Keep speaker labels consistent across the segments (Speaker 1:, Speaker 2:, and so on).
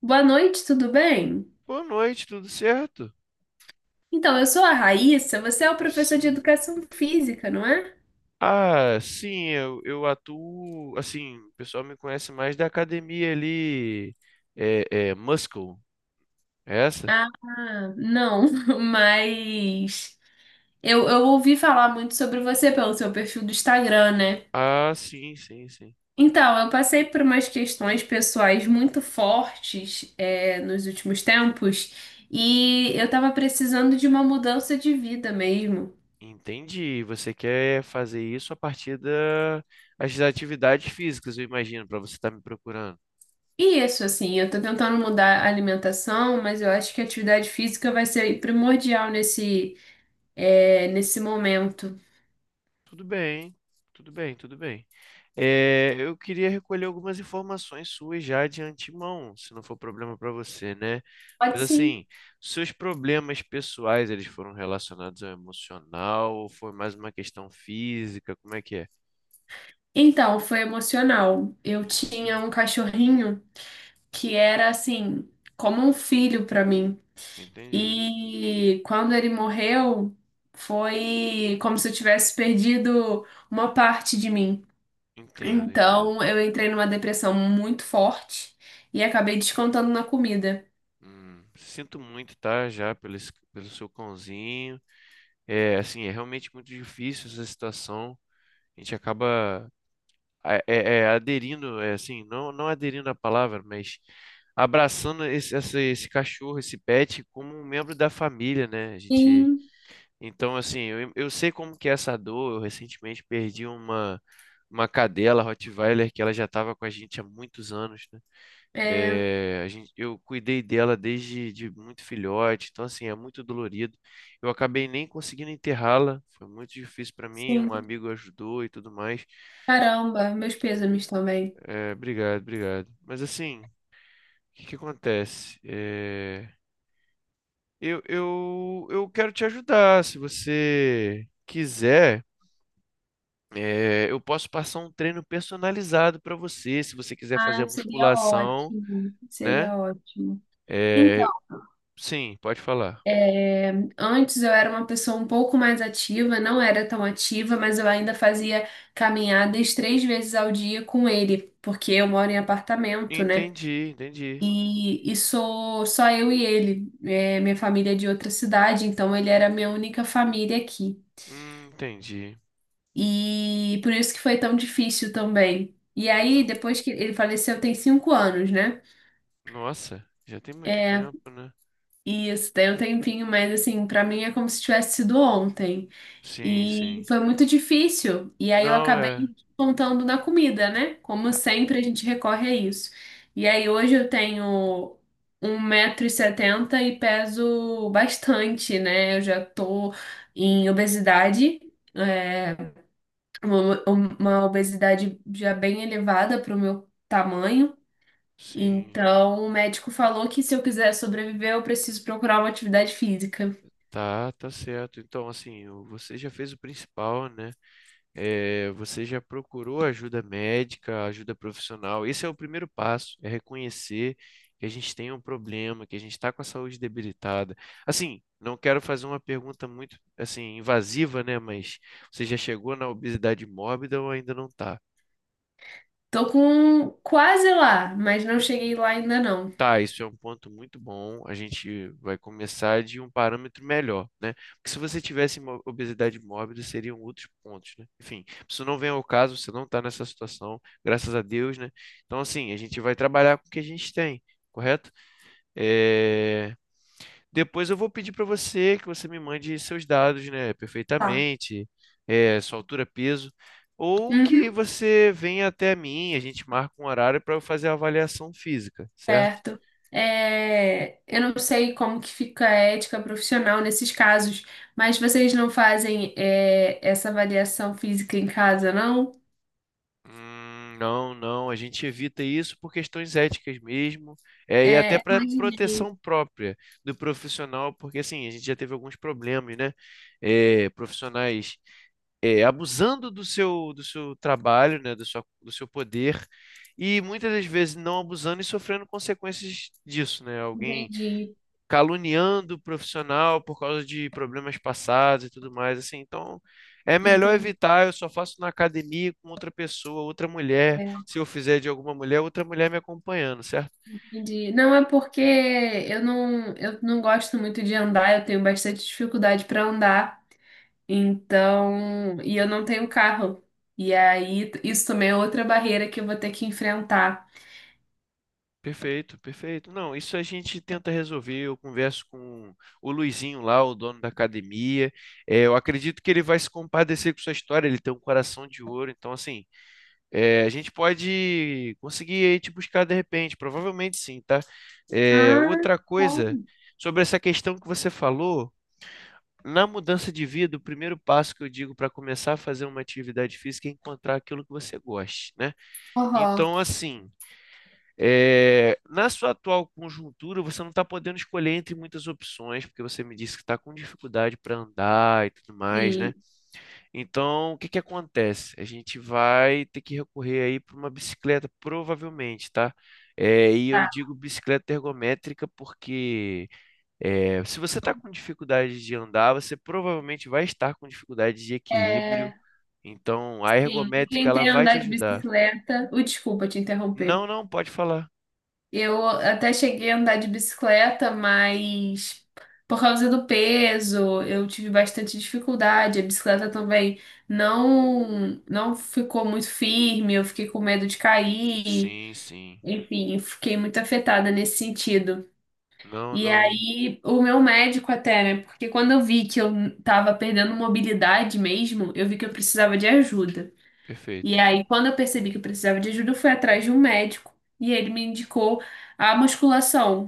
Speaker 1: Boa noite, tudo bem?
Speaker 2: Boa noite, tudo certo?
Speaker 1: Então, eu sou a Raíssa, você é o professor de
Speaker 2: Sim.
Speaker 1: educação física, não é?
Speaker 2: Ah, sim, eu atuo. Assim, o pessoal me conhece mais da academia ali. É, é Muscle, é essa?
Speaker 1: Ah, não, mas eu ouvi falar muito sobre você pelo seu perfil do Instagram, né?
Speaker 2: Ah, sim, sim, sim.
Speaker 1: Então, eu passei por umas questões pessoais muito fortes, nos últimos tempos e eu tava precisando de uma mudança de vida mesmo.
Speaker 2: Entendi. Você quer fazer isso a partir das atividades físicas, eu imagino, para você estar me procurando.
Speaker 1: E isso, assim, eu tô tentando mudar a alimentação, mas eu acho que a atividade física vai ser primordial nesse momento.
Speaker 2: Tudo bem, tudo bem, tudo bem. É, eu queria recolher algumas informações suas já de antemão, se não for problema para você, né?
Speaker 1: Pode
Speaker 2: Mas
Speaker 1: sim.
Speaker 2: assim, seus problemas pessoais, eles foram relacionados ao emocional ou foi mais uma questão física? Como é que é?
Speaker 1: Então, foi emocional. Eu
Speaker 2: Entendi,
Speaker 1: tinha um cachorrinho que era assim, como um filho para mim.
Speaker 2: entendi,
Speaker 1: E quando ele morreu, foi como se eu tivesse perdido uma parte de mim.
Speaker 2: entendo, entendo.
Speaker 1: Então, eu entrei numa depressão muito forte e acabei descontando na comida.
Speaker 2: Sinto muito, tá? Já pelo, pelo seu cãozinho. É, assim, é realmente muito difícil essa situação. A gente acaba é, é, aderindo, é, assim, não aderindo à palavra, mas abraçando esse cachorro, esse pet, como um membro da família, né? A gente,
Speaker 1: Sim,
Speaker 2: então, assim, eu sei como que é essa dor. Eu recentemente perdi uma cadela Rottweiler que ela já estava com a gente há muitos anos, né?
Speaker 1: é,
Speaker 2: É, a gente, eu cuidei dela desde de muito filhote, então, assim, é muito dolorido. Eu acabei nem conseguindo enterrá-la, foi muito difícil para mim. Um
Speaker 1: sim.
Speaker 2: amigo ajudou e tudo mais.
Speaker 1: Caramba, meus pêsames também.
Speaker 2: É, obrigado, obrigado. Mas assim, o que acontece? É, eu quero te ajudar. Se você quiser, é, eu posso passar um treino personalizado para você. Se você quiser fazer a
Speaker 1: Ah, seria
Speaker 2: musculação,
Speaker 1: ótimo,
Speaker 2: né?
Speaker 1: seria ótimo.
Speaker 2: É, sim, pode falar.
Speaker 1: Antes eu era uma pessoa um pouco mais ativa, não era tão ativa, mas eu ainda fazia caminhadas 3 vezes ao dia com ele, porque eu moro em apartamento, né?
Speaker 2: Entendi, entendi.
Speaker 1: E sou só eu e ele. É, minha família é de outra cidade, então ele era a minha única família aqui.
Speaker 2: Entendi.
Speaker 1: E por isso que foi tão difícil também. E aí,
Speaker 2: Não.
Speaker 1: depois que ele faleceu, tem 5 anos, né?
Speaker 2: Nossa, já tem muito tempo, né?
Speaker 1: E isso tem um tempinho, mas assim, pra mim é como se tivesse sido ontem.
Speaker 2: Sim,
Speaker 1: E
Speaker 2: sim.
Speaker 1: foi muito difícil. E aí eu
Speaker 2: Não,
Speaker 1: acabei
Speaker 2: é.
Speaker 1: contando na comida, né? Como
Speaker 2: Ah,
Speaker 1: sempre, a gente recorre a isso. E aí hoje eu tenho 1,70 m e setenta e peso bastante, né? Eu já tô em obesidade, é, uma obesidade já bem elevada para o meu tamanho.
Speaker 2: sim.
Speaker 1: Então, o médico falou que se eu quiser sobreviver, eu preciso procurar uma atividade física.
Speaker 2: Tá, tá certo. Então, assim, você já fez o principal, né? É, você já procurou ajuda médica, ajuda profissional. Esse é o primeiro passo, é reconhecer que a gente tem um problema, que a gente está com a saúde debilitada. Assim, não quero fazer uma pergunta muito, assim, invasiva, né? Mas você já chegou na obesidade mórbida ou ainda não está?
Speaker 1: Tô com quase lá, mas não cheguei lá ainda não.
Speaker 2: Tá, isso é um ponto muito bom. A gente vai começar de um parâmetro melhor, né? Porque se você tivesse obesidade mórbida, seriam outros pontos, né? Enfim, isso não vem ao caso, você não está nessa situação, graças a Deus, né? Então, assim, a gente vai trabalhar com o que a gente tem, correto? É, depois eu vou pedir para você que você me mande seus dados, né?
Speaker 1: Tá.
Speaker 2: Perfeitamente, é, sua altura, peso. Ou que
Speaker 1: Uhum,
Speaker 2: você venha até mim, a gente marca um horário para eu fazer a avaliação física, certo?
Speaker 1: certo. É, eu não sei como que fica a ética profissional nesses casos, mas vocês não fazem essa avaliação física em casa, não?
Speaker 2: Não, não, a gente evita isso por questões éticas mesmo, é, e até
Speaker 1: É,
Speaker 2: para
Speaker 1: imaginei,
Speaker 2: proteção própria do profissional, porque assim, a gente já teve alguns problemas, né? É, profissionais é, abusando do seu trabalho, né? Do sua, do seu poder, e muitas das vezes não abusando e sofrendo consequências disso, né? Alguém
Speaker 1: entendi,
Speaker 2: caluniando o profissional por causa de problemas passados e tudo mais, assim. Então, é melhor
Speaker 1: entendi,
Speaker 2: evitar. Eu só faço na academia com outra pessoa, outra mulher.
Speaker 1: é,
Speaker 2: Se eu fizer de alguma mulher, outra mulher me acompanhando, certo?
Speaker 1: entendi. Não é porque eu não gosto muito de andar, eu tenho bastante dificuldade para andar, então, e eu não tenho carro. E aí, isso também é outra barreira que eu vou ter que enfrentar.
Speaker 2: Perfeito, perfeito. Não, isso a gente tenta resolver. Eu converso com o Luizinho lá, o dono da academia. É, eu acredito que ele vai se compadecer com sua história. Ele tem um coração de ouro. Então, assim, é, a gente pode conseguir aí te buscar de repente, provavelmente sim, tá? É,
Speaker 1: Ah,
Speaker 2: outra coisa,
Speaker 1: bom.
Speaker 2: sobre essa questão que você falou, na mudança de vida, o primeiro passo que eu digo para começar a fazer uma atividade física é encontrar aquilo que você goste, né?
Speaker 1: Aham.
Speaker 2: Então, assim, é, na sua atual conjuntura, você não está podendo escolher entre muitas opções, porque você me disse que está com dificuldade para andar e tudo mais, né?
Speaker 1: Sim,
Speaker 2: Então, o que acontece? A gente vai ter que recorrer aí para uma bicicleta, provavelmente, tá? É, e eu
Speaker 1: tá.
Speaker 2: digo bicicleta ergométrica porque é, se você está com dificuldade de andar, você provavelmente vai estar com dificuldade de equilíbrio.
Speaker 1: É,
Speaker 2: Então, a
Speaker 1: sim, eu
Speaker 2: ergométrica ela
Speaker 1: tentei
Speaker 2: vai te
Speaker 1: andar de
Speaker 2: ajudar.
Speaker 1: bicicleta. Desculpa te interromper.
Speaker 2: Não, não, pode falar.
Speaker 1: Eu até cheguei a andar de bicicleta, mas por causa do peso, eu tive bastante dificuldade. A bicicleta também não ficou muito firme, eu fiquei com medo de cair.
Speaker 2: Sim, sim.
Speaker 1: Enfim, eu fiquei muito afetada nesse sentido.
Speaker 2: Não,
Speaker 1: E
Speaker 2: não.
Speaker 1: aí, o meu médico até, né? Porque quando eu vi que eu tava perdendo mobilidade mesmo, eu vi que eu precisava de ajuda. E
Speaker 2: Perfeito.
Speaker 1: aí, quando eu percebi que eu precisava de ajuda, eu fui atrás de um médico e ele me indicou a musculação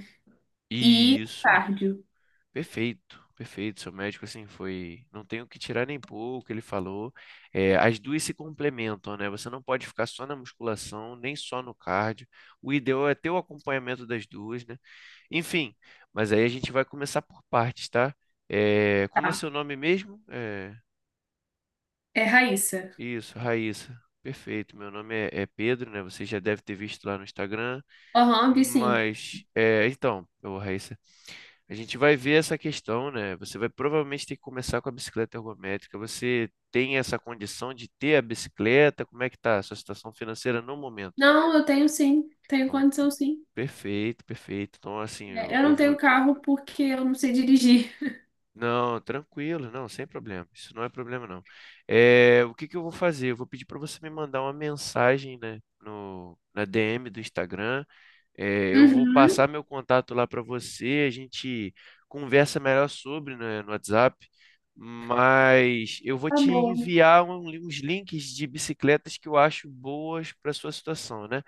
Speaker 1: e
Speaker 2: Isso.
Speaker 1: cardio.
Speaker 2: Perfeito, perfeito. Seu médico, assim, foi. Não tenho que tirar nem pôr o que ele falou. É, as duas se complementam, né? Você não pode ficar só na musculação, nem só no cardio. O ideal é ter o acompanhamento das duas, né? Enfim, mas aí a gente vai começar por partes, tá? É, como é seu
Speaker 1: Tá.
Speaker 2: nome mesmo? É,
Speaker 1: É Raíssa.
Speaker 2: isso, Raíssa. Perfeito. Meu nome é, é Pedro, né? Você já deve ter visto lá no Instagram.
Speaker 1: Aham, vi sim.
Speaker 2: Mas, é, então, ô Raíssa, a gente vai ver essa questão, né? Você vai provavelmente ter que começar com a bicicleta ergométrica. Você tem essa condição de ter a bicicleta? Como é que tá a sua situação financeira no momento?
Speaker 1: Não, eu tenho sim. Tenho
Speaker 2: Então,
Speaker 1: condição sim.
Speaker 2: perfeito, perfeito. Então, assim, eu,
Speaker 1: É, eu
Speaker 2: eu
Speaker 1: não tenho
Speaker 2: vou.
Speaker 1: carro porque eu não sei dirigir.
Speaker 2: Não, tranquilo, não, sem problema. Isso não é problema, não. É, o que eu vou fazer? Eu vou pedir para você me mandar uma mensagem, né, no, na DM do Instagram. É, eu vou
Speaker 1: Uhum,
Speaker 2: passar meu contato lá para você, a gente conversa melhor sobre, né, no WhatsApp, mas eu vou
Speaker 1: tá
Speaker 2: te
Speaker 1: bom.
Speaker 2: enviar uns links de bicicletas que eu acho boas para sua situação, né?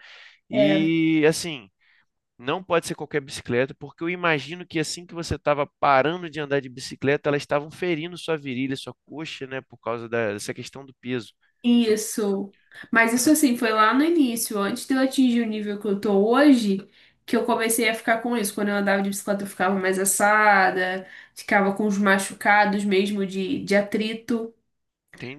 Speaker 1: É,
Speaker 2: E assim, não pode ser qualquer bicicleta, porque eu imagino que assim que você estava parando de andar de bicicleta, elas estavam ferindo sua virilha, sua coxa, né, por causa dessa questão do peso. Su-
Speaker 1: isso. Mas isso assim, foi lá no início, antes de eu atingir o nível que eu tô hoje, que eu comecei a ficar com isso. Quando eu andava de bicicleta, eu ficava mais assada, ficava com os machucados mesmo de atrito.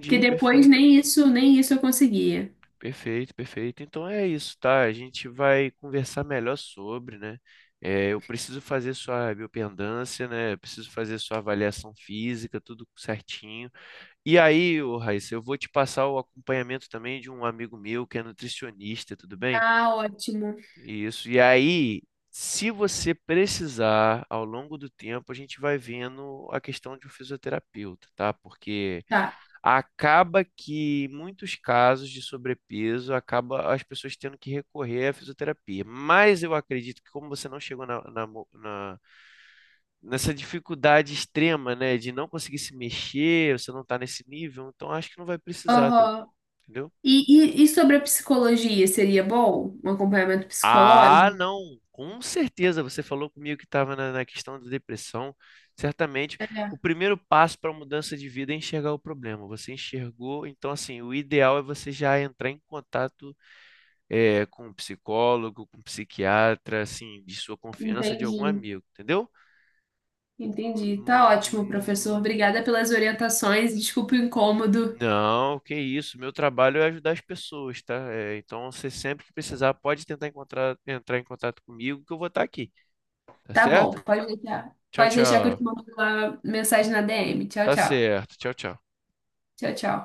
Speaker 1: Porque depois
Speaker 2: perfeito.
Speaker 1: nem isso, nem isso eu conseguia.
Speaker 2: Perfeito, perfeito. Então é isso, tá? A gente vai conversar melhor sobre, né? É, eu preciso fazer sua biopendância, né? Eu preciso fazer sua avaliação física, tudo certinho. E aí, ô Raíssa, eu vou te passar o acompanhamento também de um amigo meu que é nutricionista, tudo bem?
Speaker 1: Ah, ótimo.
Speaker 2: Isso. E aí, se você precisar, ao longo do tempo, a gente vai vendo a questão de um fisioterapeuta, tá? Porque
Speaker 1: Tá.
Speaker 2: acaba que em muitos casos de sobrepeso acaba as pessoas tendo que recorrer à fisioterapia. Mas eu acredito que como você não chegou na, nessa dificuldade extrema, né, de não conseguir se mexer, você não está nesse nível, então acho que não vai precisar, tá,
Speaker 1: Aham.
Speaker 2: entendeu?
Speaker 1: E sobre a psicologia, seria bom? Um acompanhamento
Speaker 2: Ah,
Speaker 1: psicológico?
Speaker 2: não, com certeza. Você falou comigo que estava na, na questão da depressão. Certamente,
Speaker 1: É,
Speaker 2: o primeiro passo para a mudança de vida é enxergar o problema. Você enxergou, então assim, o ideal é você já entrar em contato é, com um psicólogo, com um psiquiatra, assim, de sua confiança de algum
Speaker 1: entendi.
Speaker 2: amigo, entendeu?
Speaker 1: Entendi. Tá ótimo, professor.
Speaker 2: Hum,
Speaker 1: Obrigada pelas orientações. Desculpe o incômodo.
Speaker 2: não, que isso. Meu trabalho é ajudar as pessoas, tá? É, então, você sempre que precisar, pode tentar encontrar, entrar em contato comigo, que eu vou estar aqui, tá
Speaker 1: Tá bom,
Speaker 2: certo?
Speaker 1: pode deixar.
Speaker 2: Tchau,
Speaker 1: Pode deixar que eu
Speaker 2: tchau.
Speaker 1: te mando uma mensagem na DM. Tchau,
Speaker 2: Tá
Speaker 1: tchau.
Speaker 2: certo. Tchau, tchau.
Speaker 1: Tchau, tchau.